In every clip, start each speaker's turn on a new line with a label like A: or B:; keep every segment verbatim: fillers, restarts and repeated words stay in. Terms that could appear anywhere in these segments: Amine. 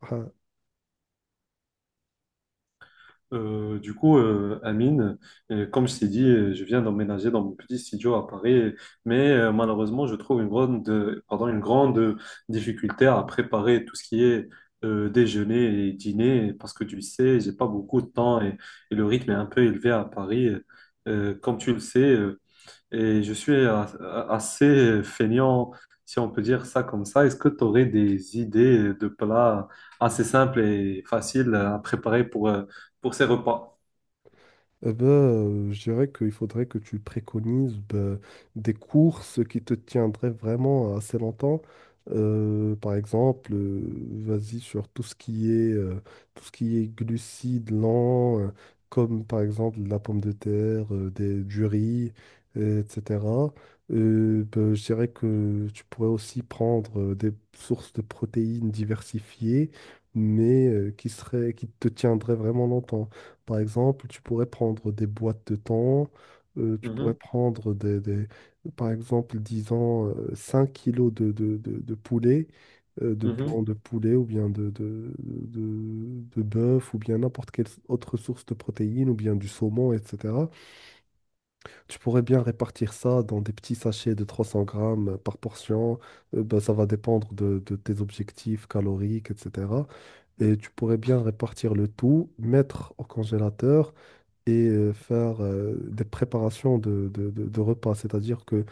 A: Ah,
B: Euh, du coup, euh, Amine, euh, comme je t'ai dit, euh, je viens d'emménager dans mon petit studio à Paris, mais euh, malheureusement, je trouve une grande, euh, pardon, une grande difficulté à préparer tout ce qui est euh, déjeuner et dîner, parce que tu sais, j'ai pas beaucoup de temps et, et le rythme est un peu élevé à Paris. Euh, comme tu le sais, euh, et je suis a- a- assez feignant, si on peut dire ça comme ça. Est-ce que tu aurais des idées de plats assez simples et faciles à préparer pour, euh, pour ces repas?
A: eh ben, euh, je dirais qu'il faudrait que tu préconises ben, des courses qui te tiendraient vraiment assez longtemps. Euh, par exemple, euh, vas-y sur tout ce qui est, euh, tout ce qui est glucides lents, euh, comme par exemple la pomme de terre, euh, des, du riz, euh, etcétéra. Euh, ben, je dirais que tu pourrais aussi prendre euh, des sources de protéines diversifiées, mais euh, qui seraient, qui te tiendraient vraiment longtemps. Par exemple, tu pourrais prendre des boîtes de temps, euh, tu pourrais
B: Mhm,
A: prendre des, des- par exemple, disons, euh, cinq kilos de, de, de, de poulet, euh, de
B: mhm,
A: blanc de poulet ou bien de, de, de, de bœuf ou bien n'importe quelle autre source de protéines ou bien du saumon, etcétéra. Tu pourrais bien répartir ça dans des petits sachets de trois cents grammes euh, par portion. Euh, ben, ça va dépendre de, de tes objectifs caloriques, etcétéra. Et tu pourrais bien répartir le tout, mettre au congélateur et euh, faire euh, des préparations de, de- de- de repas. C'est-à-dire que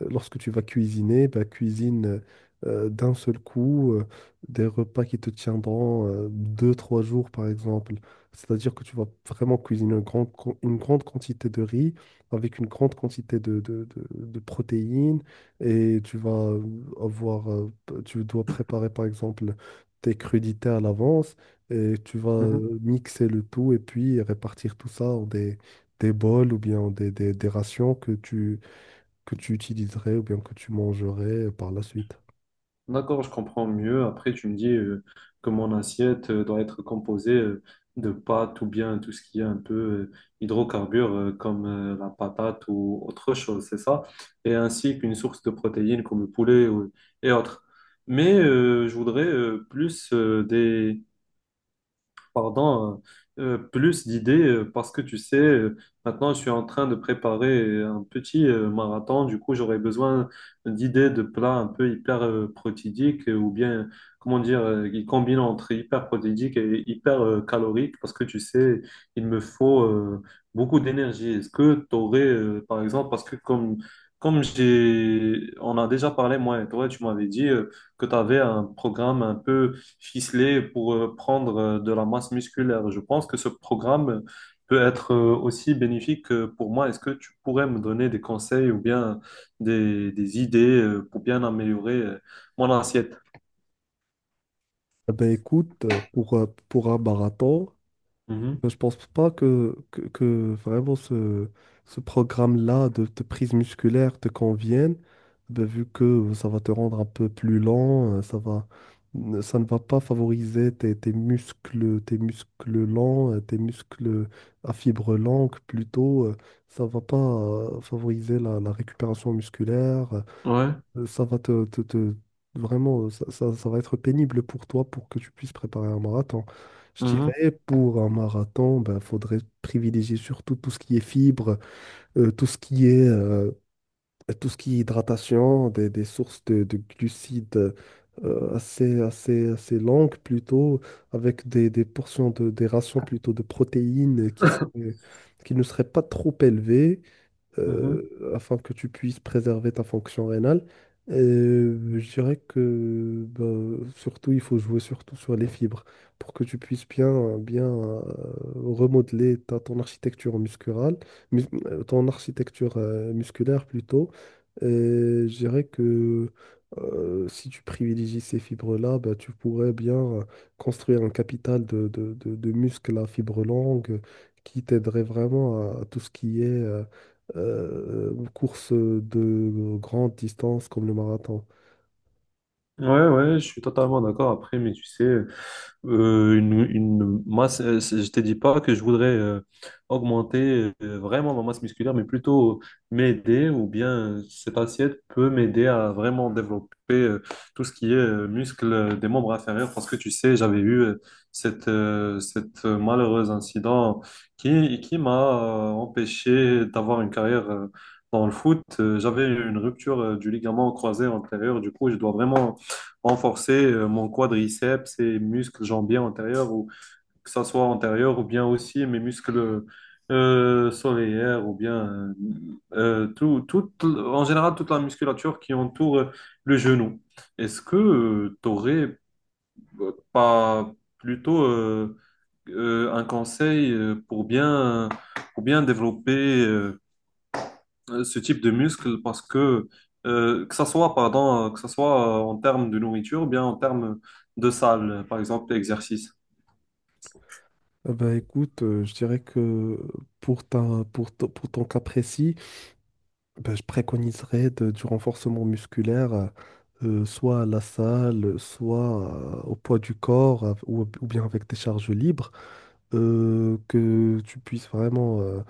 A: euh, lorsque tu vas cuisiner, bah, cuisine euh, d'un seul coup euh, des repas qui te tiendront euh, deux, trois jours, par exemple. C'est-à-dire que tu vas vraiment cuisiner une grande, quan- une grande quantité de riz avec une grande quantité de, de- de- de protéines et tu vas euh, avoir, euh, p- tu dois préparer, par exemple, tes crudités à l'avance et tu vas
B: mhm.
A: euh, mixer le tout et puis répartir tout ça en des, des bols ou bien en des, des des rations que tu que tu utiliserais ou bien que tu mangerais par la suite.
B: D'accord, je comprends mieux. Après, tu me dis euh, que mon assiette euh, doit être composée euh, de pâtes ou bien tout ce qui est un peu euh, hydrocarbures euh, comme euh, la patate ou autre chose, c'est ça? Et ainsi qu'une source de protéines comme le poulet ou- et autres. Mais euh, je voudrais euh, plus euh, des, pardon, euh, euh, plus d'idées euh, parce que tu sais, euh, maintenant je suis en train de préparer un petit euh, marathon. Du coup, j'aurais besoin d'idées de plats un peu hyper euh, protidiques euh, ou bien, comment dire, euh, qui combinent entre hyper protidique et hyper euh, calorique parce que tu sais, il me faut euh, beaucoup d'énergie. Est-ce que tu aurais, par exemple, parce que comme, comme j'ai, on a déjà parlé, moi et toi, tu m'avais dit euh, que tu avais un programme un peu ficelé pour euh, prendre euh, de la masse musculaire. Je pense que ce programme peut être euh, aussi bénéfique euh, pour moi. Est-ce que tu pourrais me donner des conseils ou bien des, des idées euh, pour bien améliorer euh, mon assiette?
A: Eh ben écoute, euh, pour, euh, pour un marathon,
B: Mhm.
A: ben, je pense pas que, que, que vraiment ce, ce programme-là de, de prise musculaire te convienne, ben, vu que ça va te rendre un peu plus lent, euh, ça va, ne- ça ne va pas favoriser tes, tes muscles, tes muscles lents, euh, tes muscles à fibre longue plutôt. Euh, ça va pas euh, favoriser la, la récupération musculaire.
B: Ouais.
A: Euh, Ça va te, te- te- Vraiment, euh, ça, ça- ça va être pénible pour toi pour que tu puisses préparer un marathon. Je
B: Mhm.
A: dirais, pour un marathon, ben, faudrait privilégier surtout tout ce qui est fibres, euh, tout ce qui est, euh, tout ce qui est hydratation, des, des sources de, de glucides euh, assez, assez, assez longues plutôt, avec des, des portions de, des rations plutôt de protéines qui, s- qui ne seraient pas trop élevées
B: Mhm.
A: euh, afin que tu puisses préserver ta fonction rénale. Euh, je dirais que bah, surtout, il faut jouer surtout sur les fibres pour que tu puisses bien, bien euh, remodeler ta, ton architecture muscurale, mus- euh, ton architecture euh, musculaire plutôt. Et je dirais que euh, si tu privilégies ces fibres-là, bah, tu pourrais bien euh, construire un capital de, de, de, de muscles à fibres longues qui t'aiderait vraiment à, à tout ce qui est euh, euh, une course de grande distance comme le marathon.
B: Ouais, ouais, je suis totalement d'accord. Après, mais tu sais, Euh, une, une masse, euh, c'est- je te dis pas que je voudrais euh, augmenter euh, vraiment ma masse musculaire, mais plutôt m'aider ou bien euh, cette assiette peut m'aider à vraiment développer euh, tout ce qui est euh, muscle euh, des membres inférieurs parce que tu sais, j'avais eu euh, cette, euh, cette euh, malheureuse incident qui, qui m'a euh, empêché d'avoir une carrière euh, dans le foot. Euh, J'avais une rupture euh, du ligament croisé antérieur, du coup, je dois vraiment renforcer euh, mon quadriceps et muscles jambiers antérieurs, ou que ça soit antérieur ou bien aussi mes muscles euh, solaires, ou bien euh, euh, tout, tout, en général toute la musculature qui entoure euh, le genou. Est-ce que tu aurais pas plutôt euh, euh, un conseil euh, pour bien, pour bien développer euh, euh, ce type de muscle parce que euh, que ça soit pardon euh, que ça soit euh, en termes de nourriture ou bien en termes de salle euh, par exemple exercice.
A: Eh ben écoute, euh, je dirais que pour ta, pour to- pour ton cas précis, ben, je préconiserais de- du renforcement musculaire, euh, soit à la salle, soit euh, au poids du corps, av- ou, ou bien avec des charges libres, euh, que tu puisses vraiment euh,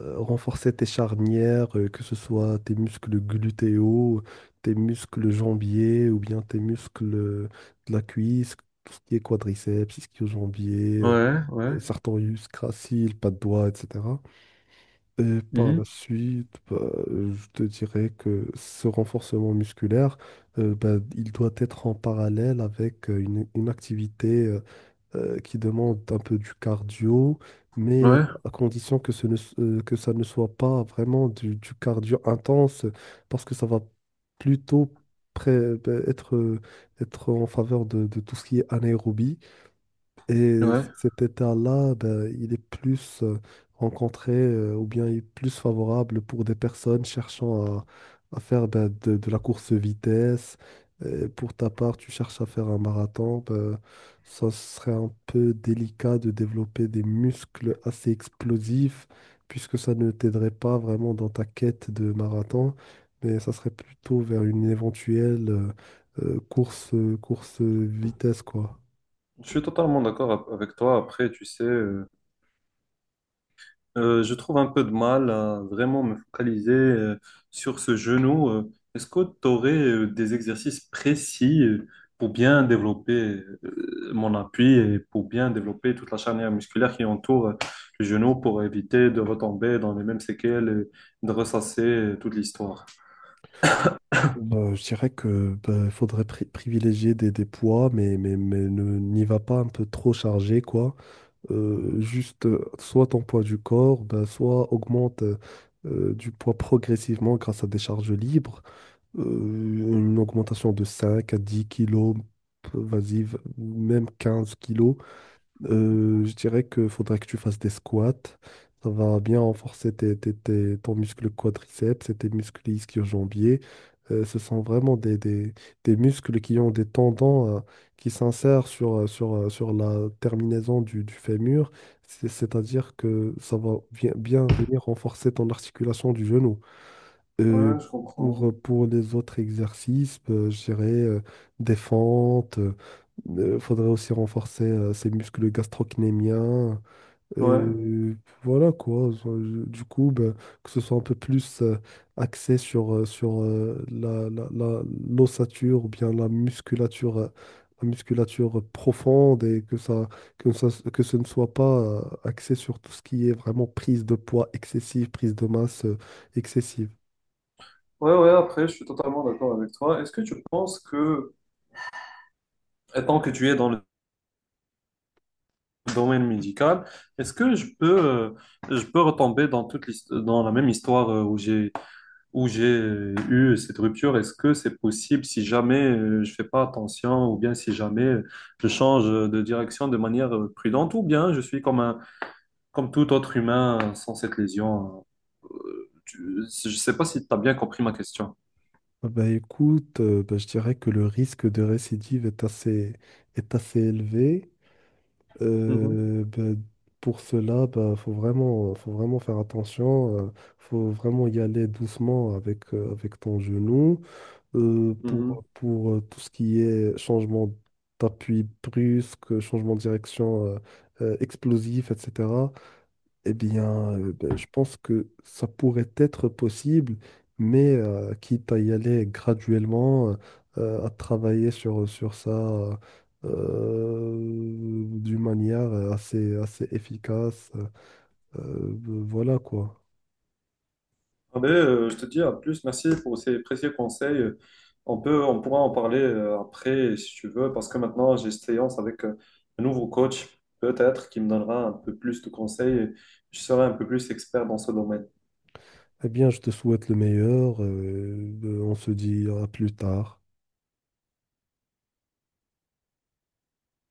A: euh, renforcer tes charnières, euh, que ce soit tes muscles glutéaux, tes muscles jambiers ou bien tes muscles euh, de la cuisse, tout ce qui est quadriceps, ischio-jambier, euh,
B: Ouais, ouais.
A: euh, sartorius, gracile, pas de doigts, etcétéra. Et par la
B: Mhm.
A: suite, bah, euh, je te dirais que ce renforcement musculaire, euh, bah, il doit être en parallèle avec euh, une, une activité euh, euh, qui demande un peu du cardio, mais
B: Ouais,
A: à condition que, ce ne s- euh, que ça ne soit pas vraiment du, du cardio intense, parce que ça va plutôt pré- être, être en faveur de, de tout ce qui est anaérobie. Et
B: ouais.
A: c- cet état-là, ben, il est plus euh, rencontré euh, ou bien il est plus favorable pour des personnes cherchant à, à faire ben, de, de la course vitesse. Et pour ta part, tu cherches à faire un marathon, ben, ça serait un peu délicat de développer des muscles assez explosifs puisque ça ne t'aiderait pas vraiment dans ta quête de marathon, mais ça serait plutôt vers une éventuelle euh, euh, course, course vitesse, quoi.
B: Je suis totalement d'accord ap- avec toi après tu sais euh, Euh, je trouve un peu de mal à vraiment me focaliser euh, sur ce genou. Euh, Est-ce que tu aurais euh, des exercices précis euh, pour bien développer euh, mon appui et pour bien développer toute la charnière musculaire qui entoure euh, le genou pour éviter de retomber dans les mêmes séquelles et de ressasser euh, toute l'histoire?
A: Euh, je dirais que bah, faudrait pri- privilégier des, des poids, mais, mais, mais ne n'y va pas un peu trop chargé, quoi. Euh, juste euh, Soit ton poids du corps, bah, soit augmente euh, euh, du poids progressivement grâce à des charges libres. Euh, une augmentation de cinq à dix kilos, p- vas-y, v- même quinze kilos. Euh, je dirais qu'il faudrait que tu fasses des squats. Ça va bien renforcer tes, tes- tes- ton muscle quadriceps et tes muscles ischio-jambiers. Euh, ce sont vraiment des, des- des muscles qui ont des tendons euh, qui s'insèrent sur, euh, sur, euh, sur la terminaison du, du fémur. C'est- C'est-à-dire que ça va bien, bien venir renforcer ton articulation du genou. Euh,
B: Ouais, je
A: pour,
B: comprends.
A: euh, pour les autres exercices, euh, je dirais euh, des fentes. Il faudrait aussi renforcer euh, ses muscles gastrocnémiens.
B: Ouais,
A: Euh, voilà quoi. Enfin, Je- Du coup, ben, que ce soit un peu plus euh, axé sur, euh, sur euh, la, la, la- l'ossature ou bien la musculature, euh, la musculature profonde et que ça, que ça, que ce ne soit pas euh, axé sur tout ce qui est vraiment prise de poids excessive, prise de masse euh, excessive.
B: ouais, ouais, après, je suis totalement d'accord avec toi. Est-ce que tu penses que, étant que tu es dans le domaine médical, est-ce que je peux, euh, je peux retomber dans toute l'hist- dans la même histoire euh, où j'ai où j'ai euh, eu cette rupture? Est-ce que c'est possible si jamais euh, je fais pas attention ou bien si jamais euh, je change de direction de manière euh, prudente ou bien je suis comme un comme tout autre humain euh, sans cette lésion? Euh, euh, tu- je sais pas si tu as bien compris ma question.
A: Ah bah écoute, euh, bah je dirais que le risque de récidive est assez, est assez élevé.
B: Mhm,
A: Euh, bah, pour cela, bah, faut vraiment, faut vraiment faire attention. Euh, faut vraiment y aller doucement avec, euh, avec ton genou. Euh, pour,
B: mhm.
A: pour euh, tout ce qui est changement d'appui brusque, changement de direction euh, euh, explosif, etcétéra. Eh bien, euh, ben, je pense que ça pourrait être possible, mais euh, quitte à y aller graduellement, euh, à travailler sur, sur ça euh, d'une manière assez, assez efficace. euh, voilà quoi.
B: Ah ben, euh, je te dis à plus, merci pour ces précieux conseils. Euh, On peut, on pourra en parler euh, après si tu veux, parce que maintenant j'ai séance avec euh, un nouveau coach, peut-être, qui me donnera un peu plus de conseils et je serai un peu plus expert dans ce domaine.
A: Eh bien, je te souhaite le meilleur. Euh, on se dit à plus tard.